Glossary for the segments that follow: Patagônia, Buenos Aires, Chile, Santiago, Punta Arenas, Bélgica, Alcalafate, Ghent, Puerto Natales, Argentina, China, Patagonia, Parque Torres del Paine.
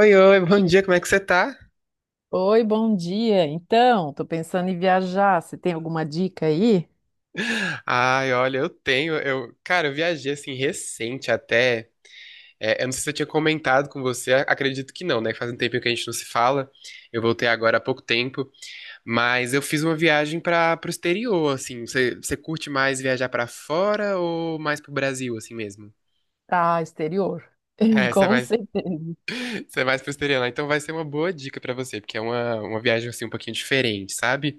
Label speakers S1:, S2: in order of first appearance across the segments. S1: Oi, oi, bom dia, como é que você tá?
S2: Oi, bom dia. Então, tô pensando em viajar. Você tem alguma dica aí?
S1: Ai, olha, cara, eu viajei assim recente até. Eu não sei se eu tinha comentado com você, acredito que não, né? Faz um tempinho que a gente não se fala. Eu voltei agora há pouco tempo, mas eu fiz uma viagem para pro exterior, assim. Você curte mais viajar para fora ou mais pro Brasil, assim mesmo?
S2: Pra exterior?
S1: É, você é
S2: Com
S1: mais,
S2: certeza.
S1: Você é mais pro exterior, né? Então vai ser uma boa dica para você, porque é uma viagem assim um pouquinho diferente, sabe?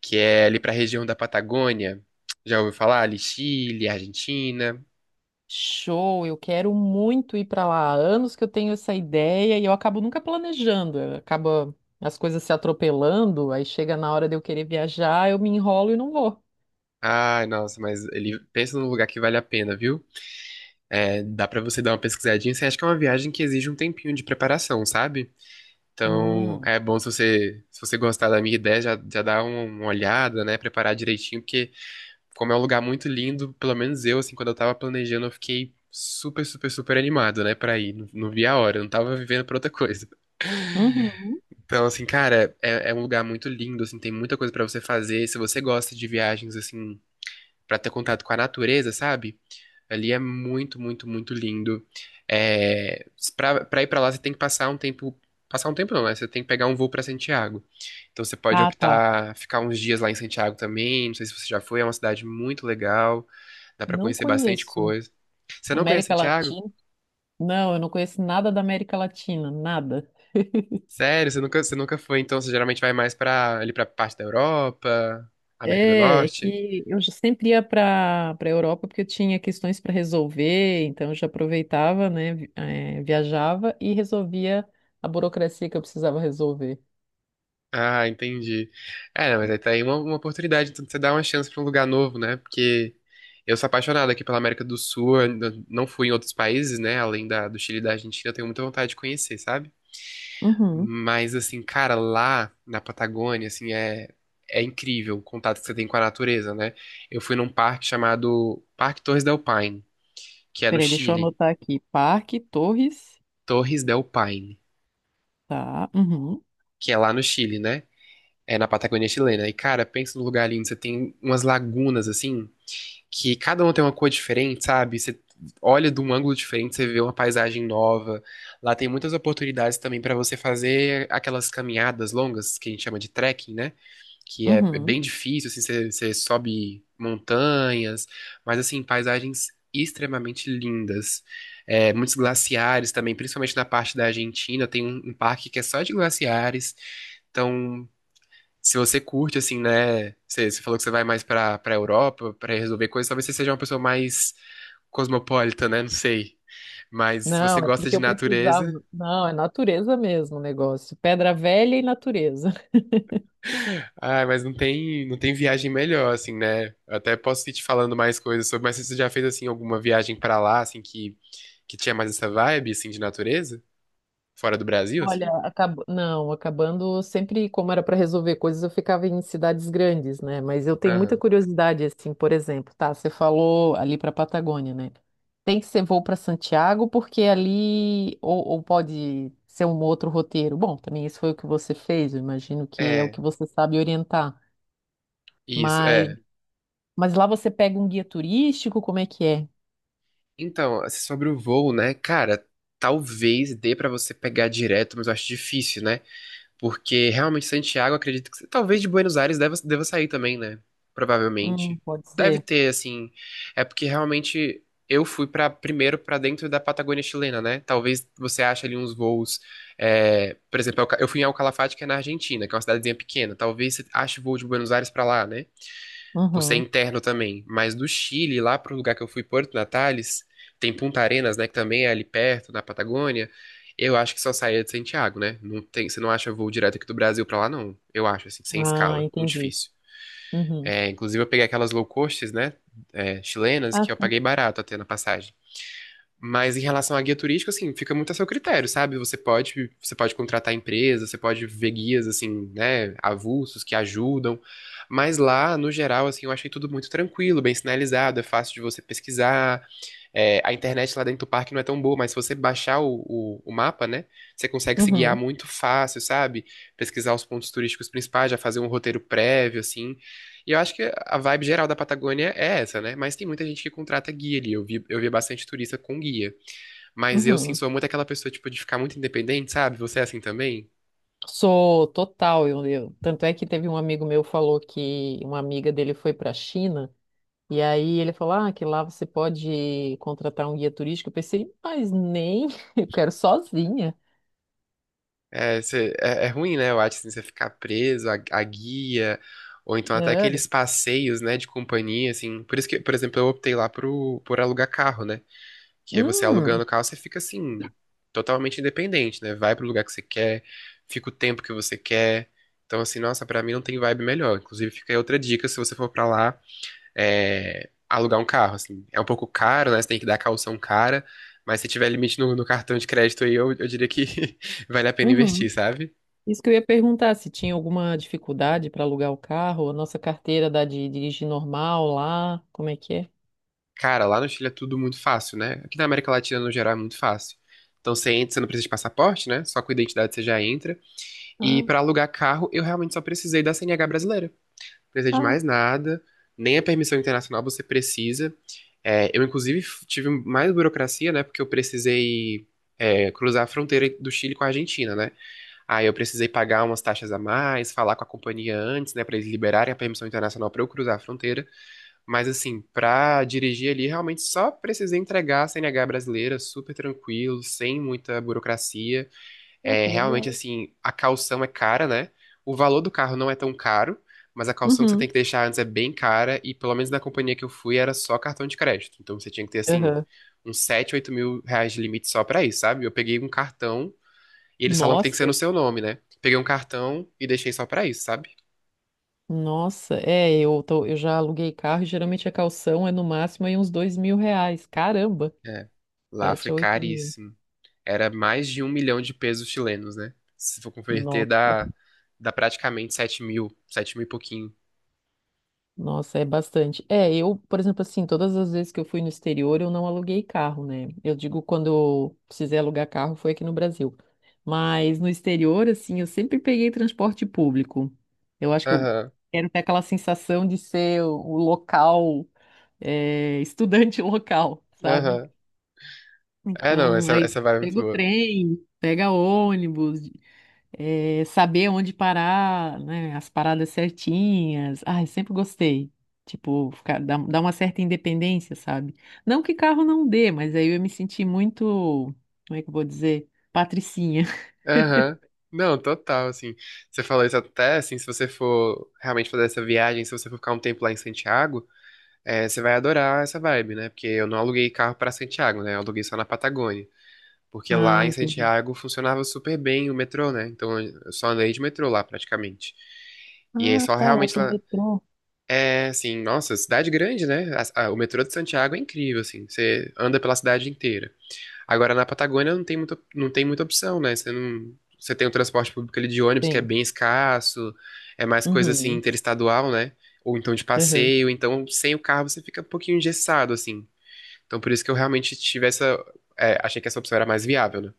S1: Que é ali para a região da Patagônia. Já ouviu falar? Ali Chile, Argentina.
S2: Show, eu quero muito ir para lá. Há anos que eu tenho essa ideia e eu acabo nunca planejando. Acaba as coisas se atropelando, aí chega na hora de eu querer viajar, eu me enrolo e não vou.
S1: Ai, nossa, mas ele pensa num lugar que vale a pena, viu? É, dá para você dar uma pesquisadinha. Você acha que é uma viagem que exige um tempinho de preparação, sabe? Então,
S2: Hum.
S1: é bom se você gostar da minha ideia, já, já dá uma olhada, né? Preparar direitinho, porque como é um lugar muito lindo, pelo menos eu, assim, quando eu tava planejando, eu fiquei super, super, super animado, né, pra ir. Não, não vi a hora, eu não tava vivendo pra outra coisa.
S2: Uhum.
S1: Então, assim, cara, é um lugar muito lindo, assim, tem muita coisa pra você fazer. Se você gosta de viagens, assim, pra ter contato com a natureza, sabe? Ali é muito, muito, muito lindo. É, pra ir pra lá, você tem que passar um tempo. Passar um tempo não, né? Você tem que pegar um voo pra Santiago. Então você pode
S2: Ah, tá.
S1: optar ficar uns dias lá em Santiago também. Não sei se você já foi, é uma cidade muito legal. Dá pra
S2: Não
S1: conhecer bastante
S2: conheço.
S1: coisa. Você não conhece
S2: América
S1: Santiago?
S2: Latina? Não, eu não conheço nada da América Latina, nada.
S1: Sério, você nunca foi, então você geralmente vai mais pra, ali pra parte da Europa, América do
S2: É, é
S1: Norte.
S2: que eu já sempre ia para Europa porque eu tinha questões para resolver, então eu já aproveitava, né, viajava e resolvia a burocracia que eu precisava resolver.
S1: Ah, entendi. É, mas aí tá aí uma oportunidade, então de você dá uma chance pra um lugar novo, né? Porque eu sou apaixonado aqui pela América do Sul, eu ainda não fui em outros países, né? Além do Chile e da Argentina, eu tenho muita vontade de conhecer, sabe?
S2: Uhum.
S1: Mas, assim, cara, lá na Patagônia, assim, é incrível o contato que você tem com a natureza, né? Eu fui num parque chamado Parque Torres del Paine, que é no
S2: Peraí, deixa eu
S1: Chile.
S2: anotar aqui. Parque, Torres,
S1: Torres del Paine,
S2: tá? Uhum.
S1: que é lá no Chile, né? É na Patagônia chilena. E, cara, pensa no lugar lindo. Você tem umas lagunas, assim, que cada uma tem uma cor diferente, sabe? Você olha de um ângulo diferente, você vê uma paisagem nova. Lá tem muitas oportunidades também para você fazer aquelas caminhadas longas que a gente chama de trekking, né? Que é
S2: Uhum.
S1: bem difícil, assim, você sobe montanhas, mas assim, paisagens extremamente lindas. É, muitos glaciares também, principalmente na parte da Argentina, tem um parque que é só de glaciares. Então, se você curte, assim, né? Você, você falou que você vai mais pra Europa pra resolver coisas, talvez você seja uma pessoa mais cosmopolita, né? Não sei. Mas se você
S2: Não, é
S1: gosta
S2: porque
S1: de
S2: eu precisava.
S1: natureza,
S2: Não, é natureza mesmo o negócio. Pedra velha e natureza.
S1: ah, mas não tem, não tem viagem melhor, assim, né? Eu até posso ir te falando mais coisas sobre, mas você já fez, assim, alguma viagem pra lá, assim, que tinha mais essa vibe, assim, de natureza? Fora do Brasil,
S2: Olha,
S1: assim?
S2: não, acabando sempre como era para resolver coisas, eu ficava em cidades grandes, né? Mas eu tenho muita
S1: Aham.
S2: curiosidade, assim, por exemplo, tá? Você falou ali para Patagônia, né? Tem que ser voo para Santiago, porque ali ou pode ser um outro roteiro. Bom, também isso foi o que você fez, eu imagino que é o
S1: É,
S2: que você sabe orientar.
S1: isso,
S2: Mas,
S1: é.
S2: mas lá você pega um guia turístico, como é que é?
S1: Então, assim, sobre o voo, né? Cara, talvez dê pra você pegar direto, mas eu acho difícil, né? Porque realmente Santiago, acredito que talvez de Buenos Aires deva sair também, né? Provavelmente.
S2: Pode
S1: Deve
S2: ser.
S1: ter, assim. É porque realmente eu fui para primeiro para dentro da Patagônia chilena, né? Talvez você ache ali uns voos. É, por exemplo, eu fui em Alcalafate, que é na Argentina, que é uma cidadezinha pequena. Talvez você ache voo de Buenos Aires para lá, né? Por ser
S2: Uhum.
S1: interno também. Mas do Chile, lá pro lugar que eu fui, Porto Natales, tem Punta Arenas, né? Que também é ali perto, na Patagônia. Eu acho que só saía de Santiago, né? Não tem, você não acha voo direto aqui do Brasil pra lá, não. Eu acho, assim, sem
S2: Ah,
S1: escala. Muito
S2: entendi.
S1: difícil.
S2: Uhum.
S1: É, inclusive, eu peguei aquelas low costs, né? É, chilenas,
S2: Ah,
S1: que eu
S2: sim.
S1: paguei barato até na passagem. Mas em relação à guia turística, assim, fica muito a seu critério, sabe? Você pode contratar empresas, você pode ver guias, assim, né, avulsos que ajudam. Mas lá, no geral, assim, eu achei tudo muito tranquilo, bem sinalizado, é fácil de você pesquisar. É, a internet lá dentro do parque não é tão boa, mas se você baixar o mapa, né, você consegue se guiar
S2: Uhum.
S1: muito fácil, sabe? Pesquisar os pontos turísticos principais, já fazer um roteiro prévio, assim. E eu acho que a vibe geral da Patagônia é essa, né? Mas tem muita gente que contrata guia ali. Eu vi bastante turista com guia. Mas eu, sim,
S2: Uhum.
S1: sou muito aquela pessoa, tipo, de ficar muito independente, sabe? Você é assim também?
S2: Sou total, tanto é que teve um amigo meu falou que uma amiga dele foi para a China e aí ele falou ah, que lá você pode contratar um guia turístico. Eu pensei, mas nem, eu quero sozinha.
S1: É, cê- é, é ruim, né? Eu acho, assim, você ficar preso à guia, ou então até
S2: É.
S1: aqueles passeios, né, de companhia, assim. Por isso que, por exemplo, eu optei lá pro, por alugar carro, né? Que aí você alugando
S2: Hum,
S1: o carro, você fica, assim, totalmente independente, né? Vai pro lugar que você quer, fica o tempo que você quer. Então, assim, nossa, pra mim não tem vibe melhor. Inclusive, fica aí outra dica, se você for pra lá, é, alugar um carro, assim. É um pouco caro, né? Você tem que dar caução cara, mas se tiver limite no cartão de crédito aí, eu diria que vale a pena investir,
S2: uhum.
S1: sabe?
S2: Isso que eu ia perguntar, se tinha alguma dificuldade para alugar o carro, a nossa carteira dá de dirigir normal lá, como é que é?
S1: Cara, lá no Chile é tudo muito fácil, né? Aqui na América Latina, no geral, é muito fácil. Então você entra, você não precisa de passaporte, né? Só com identidade você já entra. E
S2: Ah,
S1: pra alugar carro, eu realmente só precisei da CNH brasileira. Não precisei de
S2: ah,
S1: mais nada, nem a permissão internacional você precisa. É, eu, inclusive, f- tive mais burocracia, né? Porque eu precisei, é, cruzar a fronteira do Chile com a Argentina, né? Aí eu precisei pagar umas taxas a mais, falar com a companhia antes, né, pra eles liberarem a permissão internacional pra eu cruzar a fronteira. Mas assim, pra dirigir ali, realmente só precisei entregar a CNH brasileira, super tranquilo, sem muita burocracia.
S2: ah,
S1: É,
S2: que
S1: realmente
S2: legal.
S1: assim, a caução é cara, né? O valor do carro não é tão caro, mas a caução que você tem
S2: Uhum.
S1: que deixar antes é bem cara e pelo menos na companhia que eu fui era só cartão de crédito. Então você tinha que ter assim
S2: Aham.
S1: uns 7, 8 mil reais de limite só pra isso, sabe? Eu peguei um cartão e eles falam que tem que ser
S2: Nossa.
S1: no seu nome, né? Peguei um cartão e deixei só pra isso, sabe?
S2: Nossa, é, eu, eu já aluguei carro e geralmente a calção é no máximo aí uns R$ 2.000. Caramba,
S1: É. Lá
S2: sete,
S1: foi
S2: a oito mil.
S1: caríssimo. Era mais de um milhão de pesos chilenos, né? Se for converter,
S2: Nossa,
S1: dá, dá praticamente sete mil, sete mil e pouquinho.
S2: nossa, é bastante. É, eu, por exemplo, assim, todas as vezes que eu fui no exterior, eu não aluguei carro, né? Eu digo quando eu precisei alugar carro foi aqui no Brasil. Mas no exterior, assim, eu sempre peguei transporte público. Eu acho que eu
S1: Aham,
S2: quero ter aquela sensação de ser o local, é, estudante local, sabe?
S1: aham. É, não,
S2: Então,
S1: essa,
S2: aí
S1: essa vibe é muito
S2: pega o
S1: boa.
S2: trem, pega ônibus, saber onde parar, né, as paradas certinhas. Ai, sempre gostei. Tipo, dá uma certa independência, sabe? Não que carro não dê, mas aí eu me senti muito, como é que eu vou dizer? Patricinha.
S1: Aham. Não, total, assim. Você, falou isso até, assim, se você for realmente fazer essa viagem, se você for ficar um tempo lá em Santiago, é, você vai adorar essa vibe, né? Porque eu não aluguei carro pra Santiago, né? Eu aluguei só na Patagônia. Porque lá
S2: Ah,
S1: em
S2: entendi.
S1: Santiago funcionava super bem o metrô, né? Então eu só andei de metrô lá praticamente. E aí
S2: Ah,
S1: só
S2: tá, lá
S1: realmente
S2: tem
S1: lá.
S2: metrô.
S1: É assim, nossa, cidade grande, né? O metrô de Santiago é incrível, assim. Você anda pela cidade inteira. Agora na Patagônia não tem muita, não tem muita opção, né? Você não, você tem o transporte público ali de ônibus que é
S2: Tem.
S1: bem escasso, é mais coisa assim
S2: Uhum.
S1: interestadual, né? Ou então de
S2: Uhum.
S1: passeio, então sem o carro você fica um pouquinho engessado, assim. Então por isso que eu realmente tive essa, é, achei que essa opção era mais viável, né?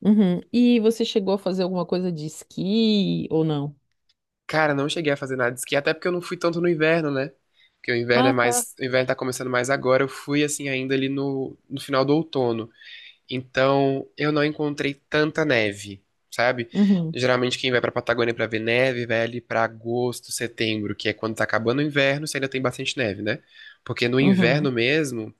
S2: Uhum. E você chegou a fazer alguma coisa de esqui ou não?
S1: Cara, não cheguei a fazer nada de esqui, até porque eu não fui tanto no inverno, né? Porque o inverno é
S2: Ah, tá.
S1: mais, o inverno tá começando mais agora. Eu fui assim ainda ali no, no final do outono. Então, eu não encontrei tanta neve, sabe?
S2: Uhum.
S1: Geralmente quem vai pra Patagônia pra ver neve, vai ali pra agosto, setembro, que é quando tá acabando o inverno, se ainda tem bastante neve, né? Porque no inverno
S2: Uhum.
S1: mesmo,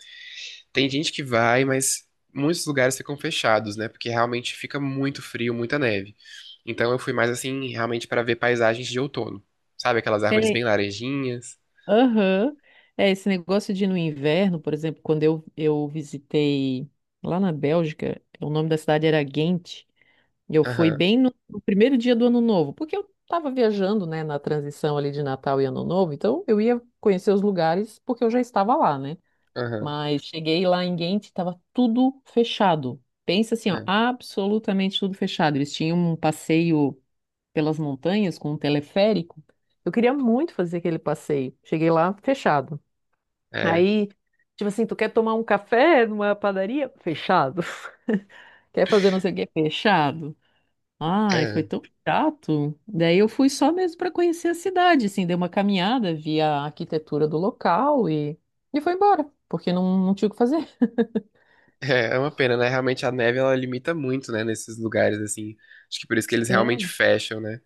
S1: tem gente que vai, mas muitos lugares ficam fechados, né? Porque realmente fica muito frio, muita neve. Então eu fui mais assim, realmente para ver paisagens de outono. Sabe aquelas árvores
S2: É,
S1: bem laranjinhas?
S2: aham. É, esse negócio de ir no inverno, por exemplo, quando eu visitei lá na Bélgica, o nome da cidade era Ghent, e eu fui
S1: Aham,
S2: bem no primeiro dia do Ano Novo, porque eu estava viajando, né, na transição ali de Natal e Ano Novo, então eu ia conhecer os lugares porque eu já estava lá, né?
S1: aham,
S2: Mas cheguei lá em Ghent, estava tudo fechado. Pensa assim, ó, absolutamente tudo fechado. Eles tinham um passeio pelas montanhas com um teleférico. Eu queria muito fazer aquele passeio. Cheguei lá fechado.
S1: é, é,
S2: Aí, tipo assim, tu quer tomar um café numa padaria? Fechado. Quer fazer não sei o quê? Fechado. Ai, foi
S1: é.
S2: tão chato. Daí eu fui só mesmo para conhecer a cidade, assim, dei uma caminhada, vi a arquitetura do local e, foi embora, porque não tinha o que fazer.
S1: É uma pena, né? Realmente a neve ela limita muito, né? Nesses lugares assim. Acho que por isso que eles realmente
S2: É.
S1: fecham, né?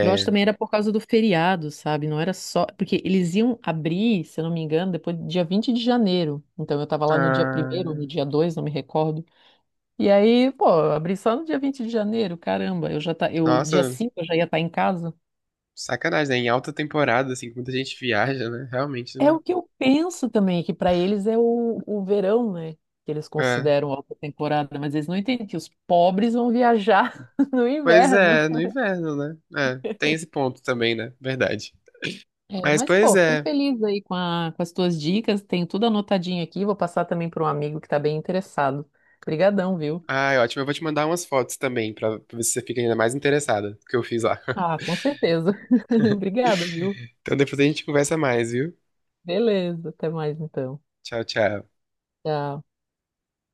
S2: Eu acho também era por causa do feriado, sabe? Não era só. Porque eles iam abrir, se eu não me engano, depois do dia 20 de janeiro. Então eu tava lá no dia primeiro ou
S1: Ah,
S2: no dia 2, não me recordo. E aí, pô, eu abri só no dia 20 de janeiro, caramba, eu dia
S1: nossa,
S2: 5 eu já ia estar em casa.
S1: sacanagem, né? Em alta temporada, assim, que muita gente viaja, né? Realmente
S2: É
S1: não.
S2: o que eu penso também, que para eles é o verão, né? Que eles
S1: É.
S2: consideram alta temporada, mas eles não entendem que os pobres vão viajar no
S1: Pois
S2: inverno.
S1: é, no inverno, né? É, tem esse ponto também, né? Verdade.
S2: É,
S1: Mas
S2: mas,
S1: pois
S2: pô, fiquei
S1: é.
S2: feliz aí com, com as tuas dicas, tenho tudo anotadinho aqui, vou passar também para um amigo que tá bem interessado. Obrigadão, viu?
S1: Ai, ótimo. Eu vou te mandar umas fotos também, pra ver se você fica ainda mais interessada do que eu fiz lá.
S2: Ah, com certeza. Obrigada, viu?
S1: Então depois a gente conversa mais, viu?
S2: Beleza, até mais então.
S1: Tchau, tchau.
S2: Tchau.